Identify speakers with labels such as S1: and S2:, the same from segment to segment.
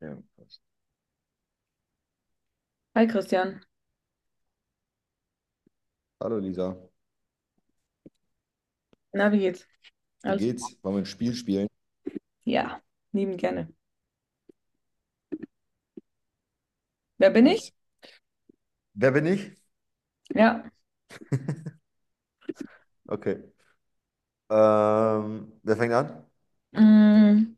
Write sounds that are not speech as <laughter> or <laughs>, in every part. S1: Ja, passt.
S2: Hi Christian,
S1: Hallo Lisa,
S2: na, wie geht's?
S1: wie
S2: Alles?
S1: geht's? Wollen wir ein Spiel spielen?
S2: Ja, lieben gerne. Wer bin ich?
S1: Nice. Wer bin ich?
S2: Ja,
S1: <laughs> Okay. Wer fängt an?
S2: mm,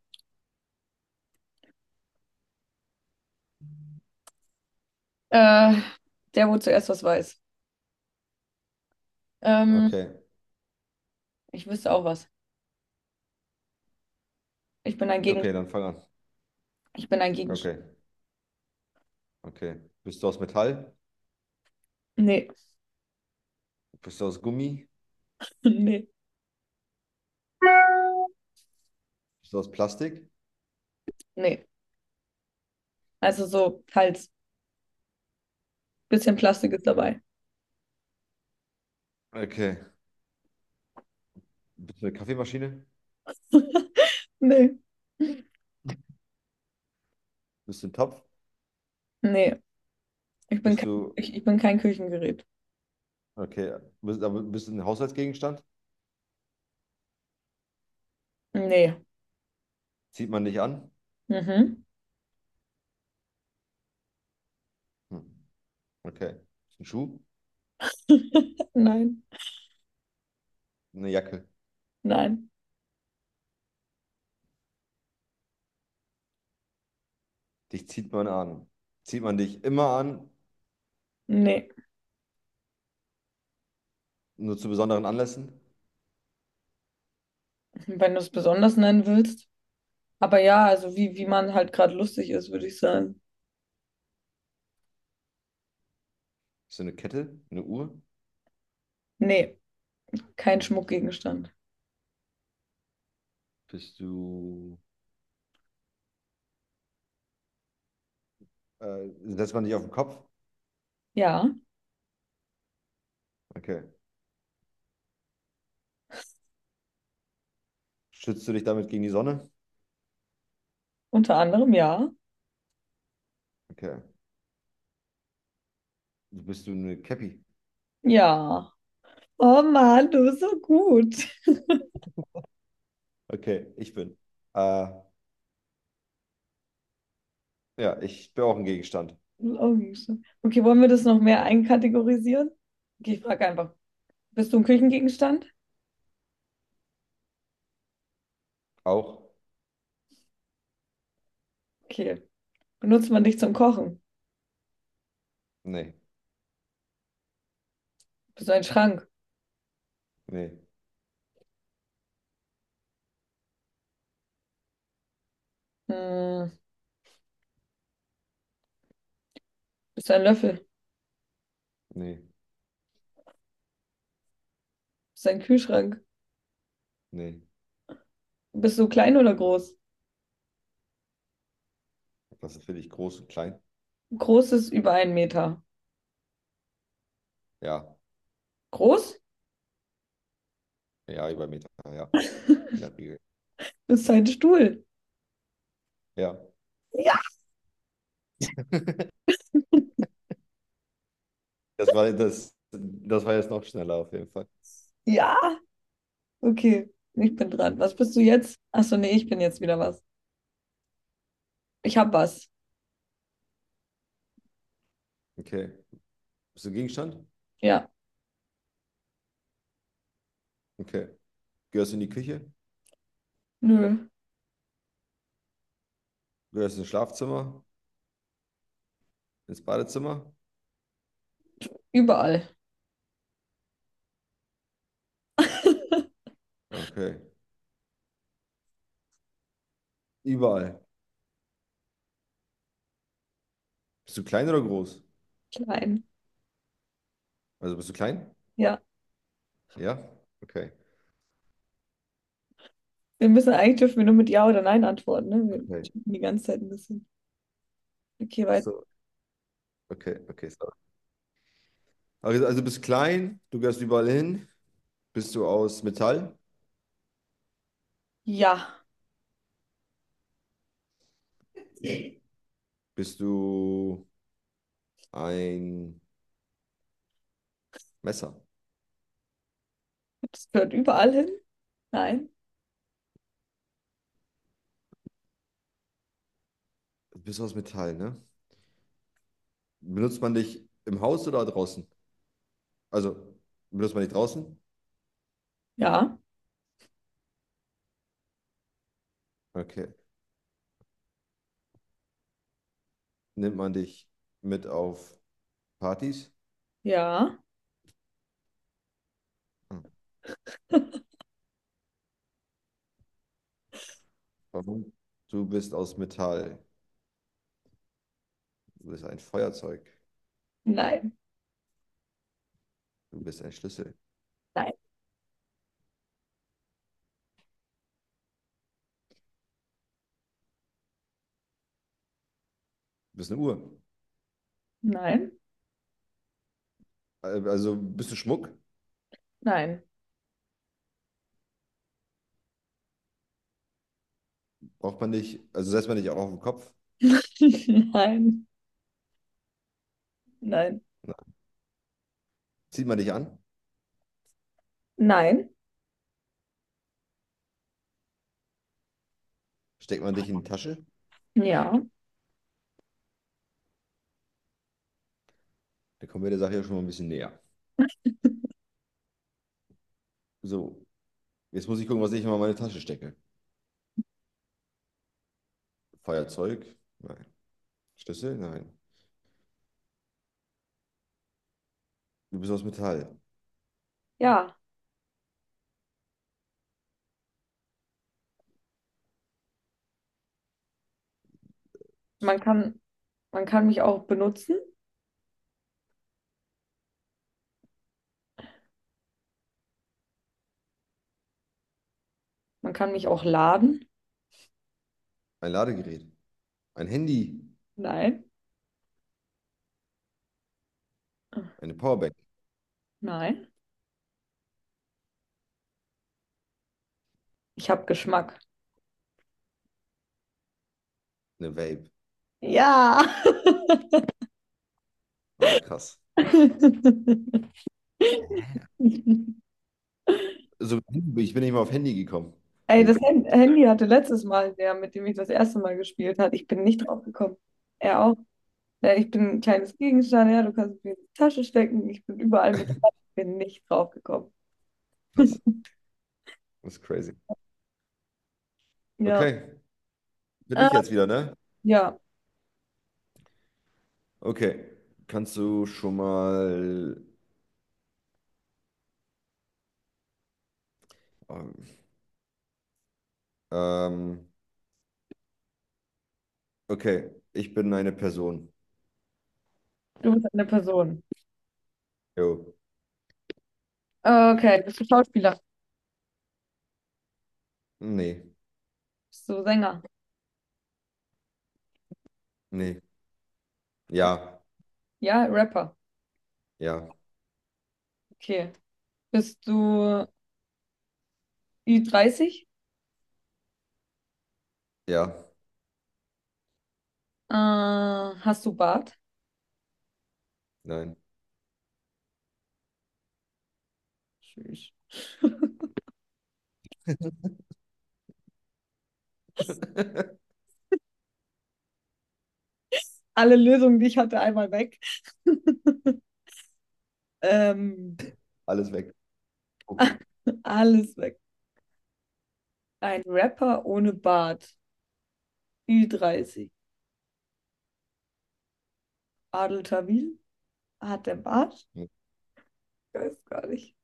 S2: äh, der, wo zuerst was weiß. Ähm,
S1: Okay,
S2: ich wüsste auch was. Ich bin ein
S1: okay,
S2: Gegenstand.
S1: dann fang an.
S2: Ich bin ein Gegenstand.
S1: Okay, okay. Bist du aus Metall?
S2: Nee,
S1: Bist du aus Gummi?
S2: <laughs> nee,
S1: Bist du aus Plastik?
S2: nee. Also so, halt, bisschen Plastik ist dabei.
S1: Okay. Bist du eine Kaffeemaschine?
S2: <laughs> Nee,
S1: Bist du ein Topf?
S2: nee. Ich bin
S1: Bist
S2: kein,
S1: du,
S2: ich bin kein Küchengerät.
S1: okay, bist, aber bist du ein Haushaltsgegenstand?
S2: Nee.
S1: Zieht man dich an?
S2: Mhm.
S1: Hm. Okay. Bist du ein Schuh?
S2: <laughs> Nein,
S1: Eine Jacke.
S2: nein,
S1: Dich zieht man an. Zieht man dich immer an,
S2: nee.
S1: nur zu besonderen Anlässen?
S2: Wenn du es besonders nennen willst. Aber ja, also wie man halt gerade lustig ist, würde ich sagen.
S1: Bist du eine Kette? Eine Uhr?
S2: Nee, kein Schmuckgegenstand.
S1: Bist du. Äh, Setzt man dich auf den Kopf?
S2: Ja,
S1: Okay. Schützt du dich damit gegen die Sonne?
S2: unter anderem ja.
S1: Okay. Bist du eine Cappy?
S2: Ja. Oh Mann, du bist so gut.
S1: Okay, ich bin. Äh, ja, ich bin auch ein Gegenstand.
S2: Augengeschmack. Okay, wollen wir das noch mehr einkategorisieren? Okay, ich frage einfach, bist du ein Küchengegenstand?
S1: Auch?
S2: Okay. Benutzt man dich zum Kochen?
S1: Nee,
S2: Bist du ein Schrank?
S1: nee,
S2: Hm, bist du ein Löffel?
S1: nee,
S2: Bist du ein Kühlschrank?
S1: nee.
S2: Bist du klein oder groß?
S1: Was ist für dich groß und klein?
S2: Groß ist über einen Meter.
S1: Ja,
S2: Groß?
S1: ja, über einen Meter, ja,
S2: <laughs>
S1: in der Regel.
S2: Bist du ein Stuhl?
S1: Ja,
S2: Ja.
S1: das war das, das war jetzt noch schneller auf jeden Fall.
S2: Ja. Okay, ich bin dran. Was bist du jetzt? Achso, nee, ich bin jetzt wieder was. Ich hab was.
S1: Okay. Bist du ein Gegenstand?
S2: Ja.
S1: Okay. Gehörst du in die Küche?
S2: Nö.
S1: Gehörst du ins Schlafzimmer? Ins Badezimmer?
S2: Überall. <laughs>
S1: Okay. Überall. Bist du klein oder groß?
S2: Klein.
S1: Also bist du klein?
S2: Ja.
S1: Ja? Okay.
S2: Wir müssen eigentlich dürfen wir nur mit Ja oder Nein antworten, ne? Wir
S1: Okay.
S2: schieben die ganze Zeit ein bisschen. Okay,
S1: Ach
S2: weiter.
S1: so. Okay, sorry. Also bist klein, du gehst überall hin. Bist du aus Metall?
S2: Ja.
S1: Bist du ein Messer?
S2: Das gehört überall hin. Nein.
S1: Bist du aus Metall, ne? Benutzt man dich im Haus oder draußen? Also, benutzt man dich draußen?
S2: Ja.
S1: Okay. Nimmt man dich mit auf Partys?
S2: Ja.
S1: Hm. Warum? Du bist aus Metall. Du bist ein Feuerzeug.
S2: Nein.
S1: Du bist ein Schlüssel.
S2: Nein.
S1: Du bist eine Uhr.
S2: Nein.
S1: Also ein bisschen Schmuck
S2: Nein.
S1: braucht man nicht, also setzt man nicht auch auf den Kopf,
S2: <laughs> Nein. Nein.
S1: ne? Zieht man dich an,
S2: Nein.
S1: steckt man dich in die Tasche,
S2: Ja.
S1: dann kommen wir der Sache ja schon mal ein bisschen näher. So, jetzt muss ich gucken, was ich immer in meine Tasche stecke. Feuerzeug? Nein. Schlüssel? Nein. Du bist aus Metall.
S2: Ja. Man kann, man kann mich auch benutzen. Man kann mich auch laden.
S1: Ein Ladegerät. Ein Handy.
S2: Nein.
S1: Eine Powerbank.
S2: Nein. Ich habe Geschmack.
S1: Eine Vape.
S2: Ja.
S1: Ah, krass.
S2: <laughs>
S1: So, ich bin nicht mal auf Handy gekommen.
S2: Ey, das
S1: Wild.
S2: Handy hatte letztes Mal der, mit dem ich das erste Mal gespielt hat. Ich bin nicht drauf gekommen. Er auch. Ja, ich bin ein kleines Gegenstand, ja, du kannst es mir in die Tasche stecken. Ich bin überall mit dabei. Ich bin nicht drauf gekommen.
S1: Krass.
S2: <laughs>
S1: Das ist crazy.
S2: Ja.
S1: Okay, bin
S2: Äh,
S1: ich jetzt wieder, ne?
S2: ja,
S1: Okay. Kannst du schon mal ähm, Okay, ich bin eine Person.
S2: du bist eine Person.
S1: Jo.
S2: Okay, bist du Schauspieler?
S1: Nee,
S2: Bist du Sänger?
S1: nee. Ja,
S2: Ja, Rapper.
S1: ja,
S2: Okay. Bist du Ü30?
S1: ja,
S2: Hast du Bart?
S1: nein.
S2: Tschüss. <laughs>
S1: <laughs>
S2: alle Lösungen, die ich hatte, einmal weg. Ähm,
S1: Alles weg.
S2: <laughs> alles weg. Ein Rapper ohne Bart. Ü30. Adel Tawil hat der Bart? Ich weiß gar nicht.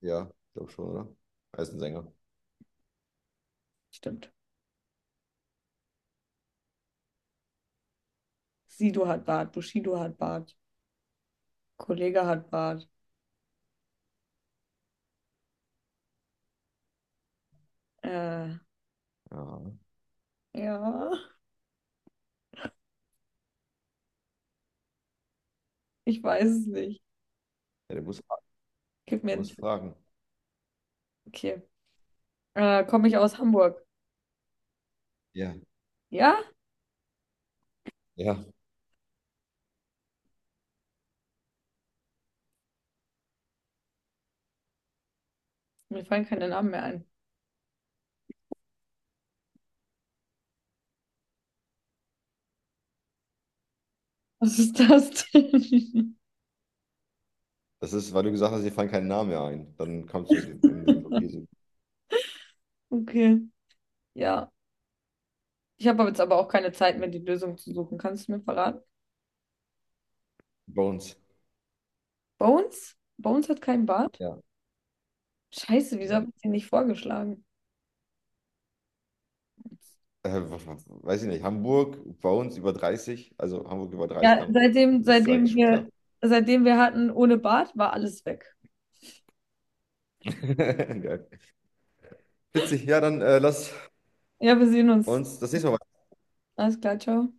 S1: Ja, glaube schon, oder? Er ist ein Sänger.
S2: Stimmt. Sido hat Bart. Bushido hat Bart. Kollege hat Bart. Äh,
S1: Ja.
S2: ja, ich weiß es nicht.
S1: Ja, du musst,
S2: Gib
S1: du
S2: mir einen
S1: musst
S2: Tipp.
S1: fragen.
S2: Okay. Komme ich aus Hamburg?
S1: Ja,
S2: Ja?
S1: ja.
S2: Mir fallen keine Namen mehr ein. Was ist das denn?
S1: Das ist, weil du gesagt hast, dir fallen keine Namen mehr ein. Dann kommst du in dem Spiel so
S2: <laughs> Okay. Ja. Ich habe jetzt aber auch keine Zeit mehr, die Lösung zu suchen. Kannst du mir verraten?
S1: Bones.
S2: Bones? Bones hat keinen Bart?
S1: Ja,
S2: Scheiße, wieso habe
S1: nee.
S2: ich den nicht vorgeschlagen?
S1: Weiß ich nicht. Hamburg, Bones über 30. Also Hamburg über 30,
S2: Ja,
S1: dann ist eigentlich schon klar.
S2: seitdem wir hatten ohne Bart, war alles weg.
S1: <laughs> Geil. Witzig. Ja, dann lass
S2: Ja, wir sehen uns.
S1: uns das nächste Mal. Weiter.
S2: Alles klar, ciao.